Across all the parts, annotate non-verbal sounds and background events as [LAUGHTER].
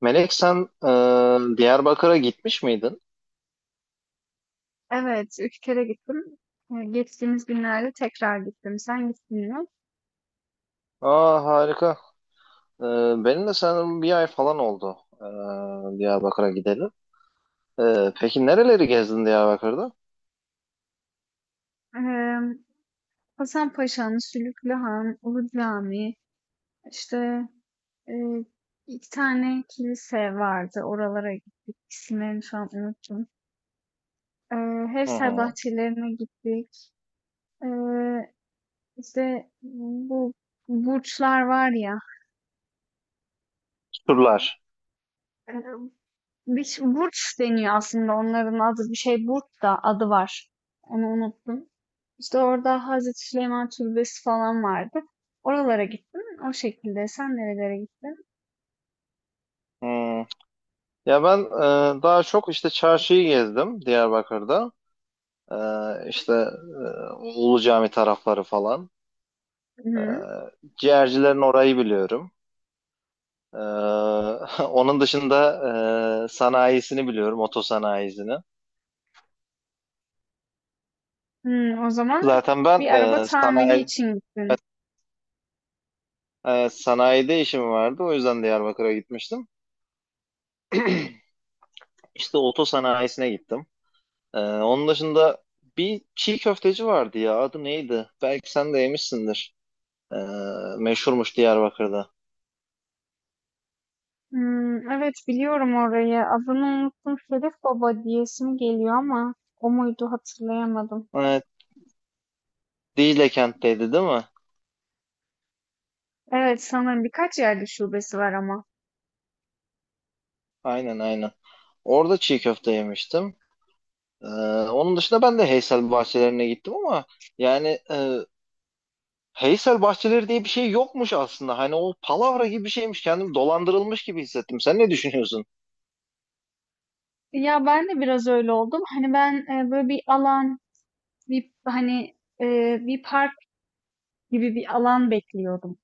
Melek sen Diyarbakır'a gitmiş miydin? Evet, 3 kere gittim. Geçtiğimiz günlerde tekrar gittim. Sen gittin mi? Aa, harika. E, Benim de sanırım bir ay falan oldu Diyarbakır'a gidelim. E, peki nereleri gezdin Diyarbakır'da? Eee Hasan Paşa'nın Sülüklü Han, Ulu Cami, işte eee, iki tane kilise vardı. Oralara gittik. İsimlerini şu an unuttum. Hı Hevser hı. bahçelerine gittik. Eee işte bu burçlar var ya. Turlar. eee, Burç deniyor aslında onların adı. Bir şey burç da adı var. Onu unuttum. İşte orada Hazreti Süleyman Türbesi falan vardı. Oralara gittim. O şekilde. Sen nerelere gittin? Hmm. Ya ben daha çok işte çarşıyı gezdim Diyarbakır'da. E, işte Ulu Cami tarafları falan. E, Hı-hı. Ciğercilerin orayı biliyorum. E, [LAUGHS] Onun dışında sanayisini biliyorum, oto sanayisini. Hı, o zaman Zaten ben bir e, araba tamiri sanayi için gittin. Sanayide işim vardı. O yüzden Diyarbakır'a gitmiştim. İşte oto sanayisine gittim. Onun dışında bir çiğ köfteci vardı ya. Adı neydi? Belki sen de yemişsindir. E, Meşhurmuş Diyarbakır'da. Hmm, evet biliyorum orayı. Adını unuttum. Şerif Baba diyesim geliyor ama o muydu hatırlayamadım. Evet, Dicle kentteydi değil mi? Evet sanırım birkaç yerde şubesi var ama. Aynen aynen. Orada çiğ köfte yemiştim. E, Onun dışında ben de Heysel Bahçelerine gittim ama yani Heysel bahçeleri diye bir şey yokmuş aslında. Hani o palavra gibi bir şeymiş. Kendim dolandırılmış gibi hissettim. Sen ne düşünüyorsun? Ya ben de biraz öyle oldum. Hani ben böyle bir alan, bir hani e, bir park gibi bir alan bekliyordum.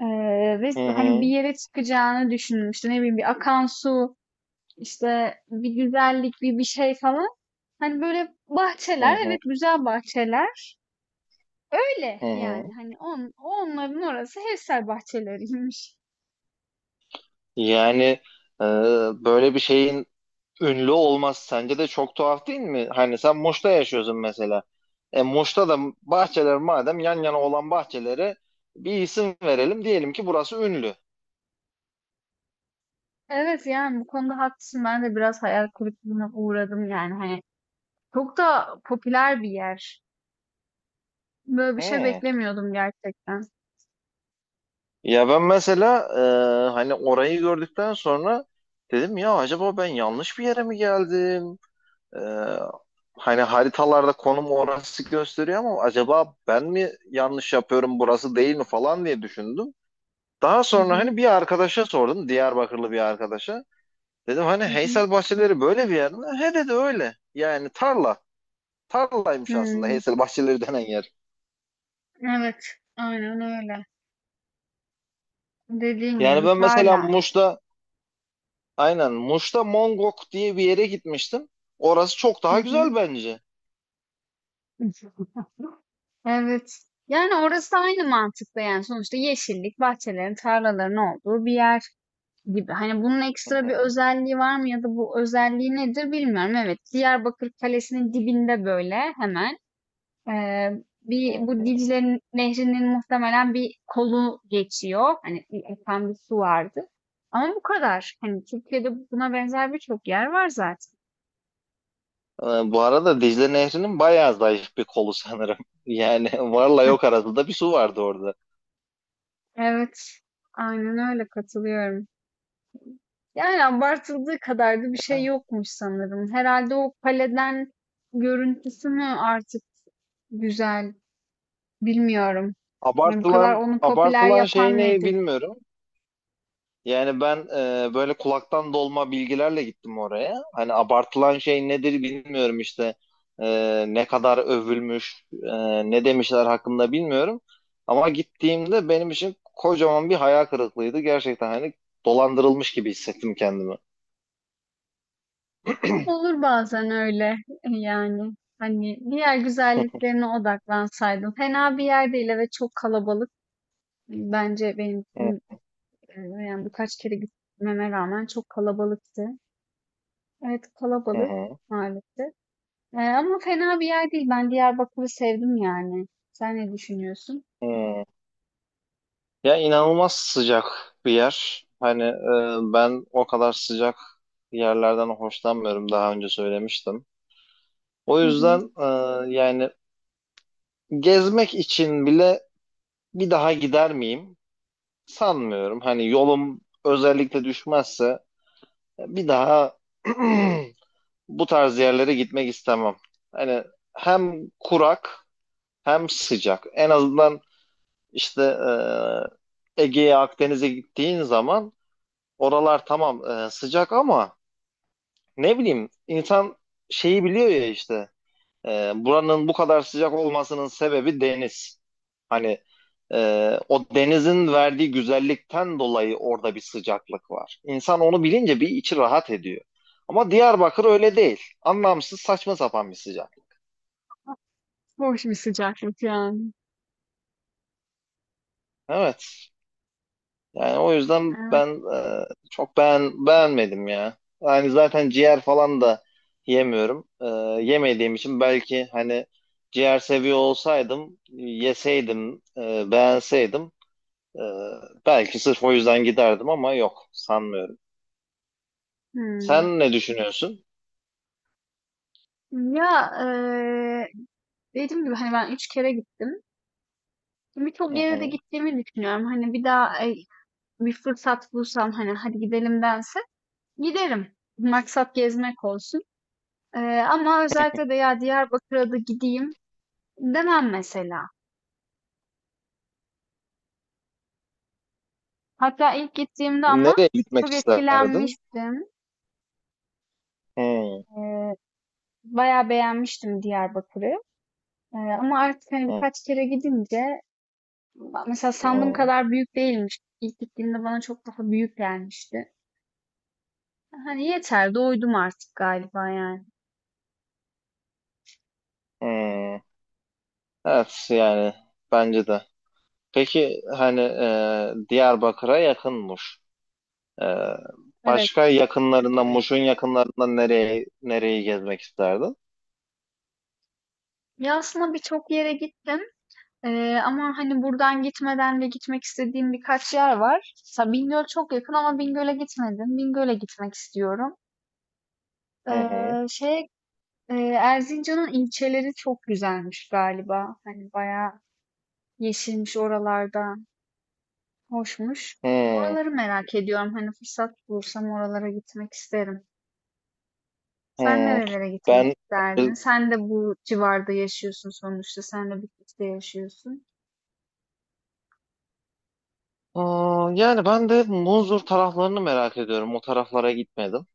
Ve Hı hani bir hı, yere çıkacağını düşündüm. İşte ne bileyim bir akan su, işte bir güzellik, bir şey falan. Hani böyle hı bahçeler, evet hı, güzel bahçeler. Öyle hı yani hı. hani onların orası hevsel bahçeleriymiş. Yani e, böyle bir şeyin ünlü olması sence de çok tuhaf değil mi? Hani sen Muş'ta yaşıyorsun mesela. E, Muş'ta da bahçeler madem, yan yana olan bahçelere bir isim verelim. Diyelim ki burası ünlü. Evet yani bu konuda haklısın. Ben de biraz hayal kırıklığına uğradım yani hani. Çok da popüler bir yer. Böyle bir şey Hı. beklemiyordum gerçekten. Ya ben mesela, hani orayı gördükten sonra dedim ya, acaba ben yanlış bir yere mi geldim? Ee, Hani haritalarda konum orası gösteriyor ama acaba ben mi yanlış yapıyorum, burası değil mi falan diye düşündüm. Daha Hı sonra hı. hani bir arkadaşa sordum, Diyarbakırlı bir arkadaşa. Dedim hani Hı hı. Heysel Bahçeleri böyle bir yer mi? He dedi, öyle. Yani tarla. Tarlaymış aslında Hımm. Heysel Bahçeleri denen yer. Evet, aynen öyle. Dediğin gibi Yani bir ben mesela tarla. Muş'ta, aynen Muş'ta Mongok diye bir yere gitmiştim. Orası çok Hı daha hı. güzel bence. [LAUGHS] Evet. Yani orası aynı mantıkta yani sonuçta yeşillik, bahçelerin, tarlaların olduğu bir yer gibi. Hani bunun Hı ekstra bir hı. özelliği var mı ya da bu özelliği nedir bilmiyorum. Evet, Diyarbakır Kalesi'nin dibinde böyle hemen bu Hı. Dicle Nehri'nin muhtemelen bir kolu geçiyor. Hani bir akan bir su vardı. Ama bu kadar. Hani Türkiye'de buna benzer birçok yer var zaten. Ee, Bu arada Dicle Nehri'nin bayağı zayıf bir kolu sanırım. [LAUGHS] Yani varla yok arasında bir su vardı orada. Evet, aynen öyle katılıyorum. Yani abartıldığı kadar da bir şey yokmuş sanırım. Herhalde o kaleden görüntüsü mü artık güzel, bilmiyorum. Yani bu kadar Abartılan onu popüler abartılan şey yapan ne nedir? bilmiyorum. Yani ben böyle kulaktan dolma bilgilerle gittim oraya. Hani abartılan şey nedir bilmiyorum işte. Ne kadar övülmüş, ne demişler hakkında bilmiyorum. Ama gittiğimde benim için kocaman bir hayal kırıklığıydı. Gerçekten hani dolandırılmış gibi hissettim kendimi. Olur bazen öyle [LAUGHS] yani. Hani diğer güzelliklerine odaklansaydım. Fena bir yer değil ve çok kalabalık. Bence benim için, [LAUGHS] yani birkaç kere gitmeme rağmen çok kalabalıktı. Evet Hı kalabalık hı. maalesef. Ama fena bir yer değil. Ben Diyarbakır'ı sevdim yani. Sen ne düşünüyorsun? Hı. Hı. Ya, inanılmaz sıcak bir yer. Hani ben o kadar sıcak yerlerden hoşlanmıyorum, daha önce söylemiştim. O Hı hı. yüzden yani gezmek için bile bir daha gider miyim? Sanmıyorum. Hani yolum özellikle düşmezse bir daha [CLEARS THROAT] bu tarz yerlere gitmek istemem. Hani hem kurak hem sıcak. En azından işte Ege'ye, Akdeniz'e gittiğin zaman oralar, tamam, sıcak ama ne bileyim, insan şeyi biliyor ya işte, buranın bu kadar sıcak olmasının sebebi deniz. Hani o denizin verdiği güzellikten dolayı orada bir sıcaklık var. İnsan onu bilince bir içi rahat ediyor. Ama Diyarbakır öyle değil. Anlamsız, saçma sapan bir sıcak. Hoş bir sıcaklık yani. Evet. Yani o yüzden Evet. ben beğenmedim ya. Yani zaten ciğer falan da yemiyorum. Yemediğim için, belki hani ciğer seviyor olsaydım, yeseydim, beğenseydim, e, belki sırf o yüzden giderdim ama yok, sanmıyorum. Hmm. Sen ne düşünüyorsun? Ya, dediğim gibi hani ben üç kere gittim. Birçok Hı yere de hı. gittiğimi düşünüyorum. Hani bir daha bir fırsat bulsam hani hadi gidelim dense giderim. Maksat gezmek olsun. Ama özellikle de ya Diyarbakır'a da gideyim demem mesela. Hatta ilk gittiğimde ama Nereye gitmek çok isterdin? etkilenmiştim. Hı Ee, Bayağı beğenmiştim Diyarbakır'ı. Ama artık hani hı, birkaç kere gidince mesela sandığım hı. kadar büyük değilmiş. İlk gittiğimde bana çok daha büyük gelmişti. Hani yeter doydum artık galiba yani. Hı. Evet, yani bence de. Peki hani Diyarbakır'a yakınmış. Ee, Evet. Başka yakınlarından, Muş'un yakınlarından nereye, nereyi gezmek isterdin? Ya, aslında birçok yere gittim, ama, hani, buradan gitmeden de gitmek istediğim birkaç yer var. Mesela Bingöl çok yakın ama Bingöl'e gitmedim. Bingöl'e gitmek istiyorum. Hı hı. Şey, Erzincan'ın ilçeleri çok güzelmiş galiba. Hani, bayağı yeşilmiş oralarda, hoşmuş. Hı Oraları merak ediyorum. Hani, fırsat bulursam oralara gitmek isterim. Sen hı. nerelere gitmek Ben isterdin? Sen de bu civarda yaşıyorsun sonuçta. Sen de Bitlis'te yaşıyorsun. Aa, yani ben de Munzur taraflarını merak ediyorum. O taraflara gitmedim.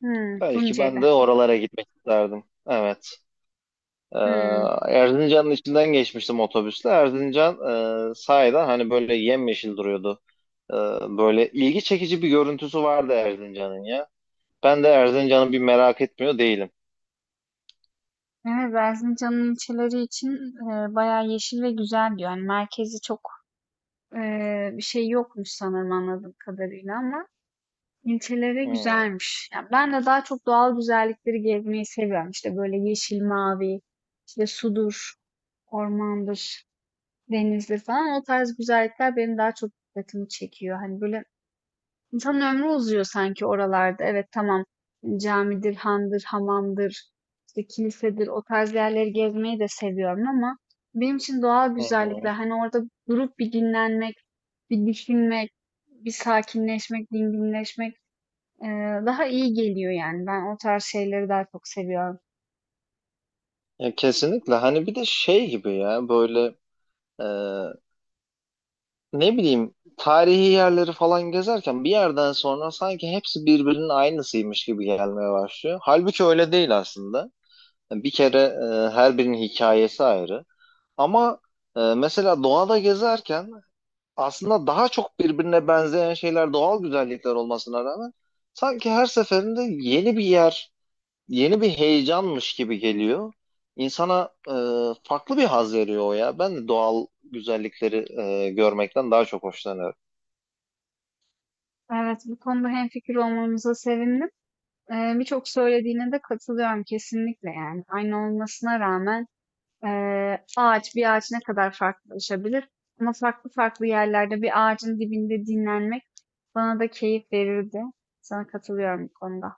Hımm, Belki ben Tunceli. de oralara gitmek isterdim. Evet. Ee, Hımm. Erzincan'ın içinden geçmiştim otobüsle. Erzincan sahiden hani böyle yemyeşil duruyordu. Ee, Böyle ilgi çekici bir görüntüsü vardı Erzincan'ın ya. Ben de Erzincan'ı bir merak etmiyor değilim. Evet, Erzincan'ın ilçeleri için, bayağı yeşil ve güzel diyor. Yani merkezi çok, bir şey yokmuş sanırım anladığım kadarıyla ama ilçeleri Hmm. güzelmiş. Yani ben de daha çok doğal güzellikleri gezmeyi seviyorum. İşte, böyle yeşil, mavi, işte, sudur, ormandır, denizdir falan. O tarz güzellikler benim daha çok dikkatimi çekiyor. Hani, böyle İnsanın ömrü uzuyor sanki oralarda. Evet tamam camidir, handır, hamamdır, işte kilisedir o tarz yerleri gezmeyi de seviyorum ama benim için doğal Hı güzellikler hı. hani orada durup bir dinlenmek, bir düşünmek, bir sakinleşmek, dinginleşmek daha iyi geliyor yani. Ben o tarz şeyleri daha çok seviyorum. Ya kesinlikle, hani bir de şey gibi ya, böyle e, ne bileyim, tarihi yerleri falan gezerken bir yerden sonra sanki hepsi birbirinin aynısıymış gibi gelmeye başlıyor. Halbuki öyle değil aslında. Yani bir kere her birinin hikayesi ayrı. Ama mesela doğada gezerken aslında daha çok birbirine benzeyen şeyler, doğal güzellikler olmasına rağmen, sanki her seferinde yeni bir yer, yeni bir heyecanmış gibi geliyor. İnsana farklı bir haz veriyor o ya. Ben de doğal güzellikleri görmekten daha çok hoşlanıyorum. Evet bu konuda hemfikir olmamıza sevindim. Birçok söylediğine de katılıyorum kesinlikle yani. Aynı olmasına rağmen ağaç bir ağaç ne kadar farklılaşabilir? Ama farklı farklı yerlerde bir ağacın dibinde dinlenmek bana da keyif verirdi. Sana katılıyorum bu konuda.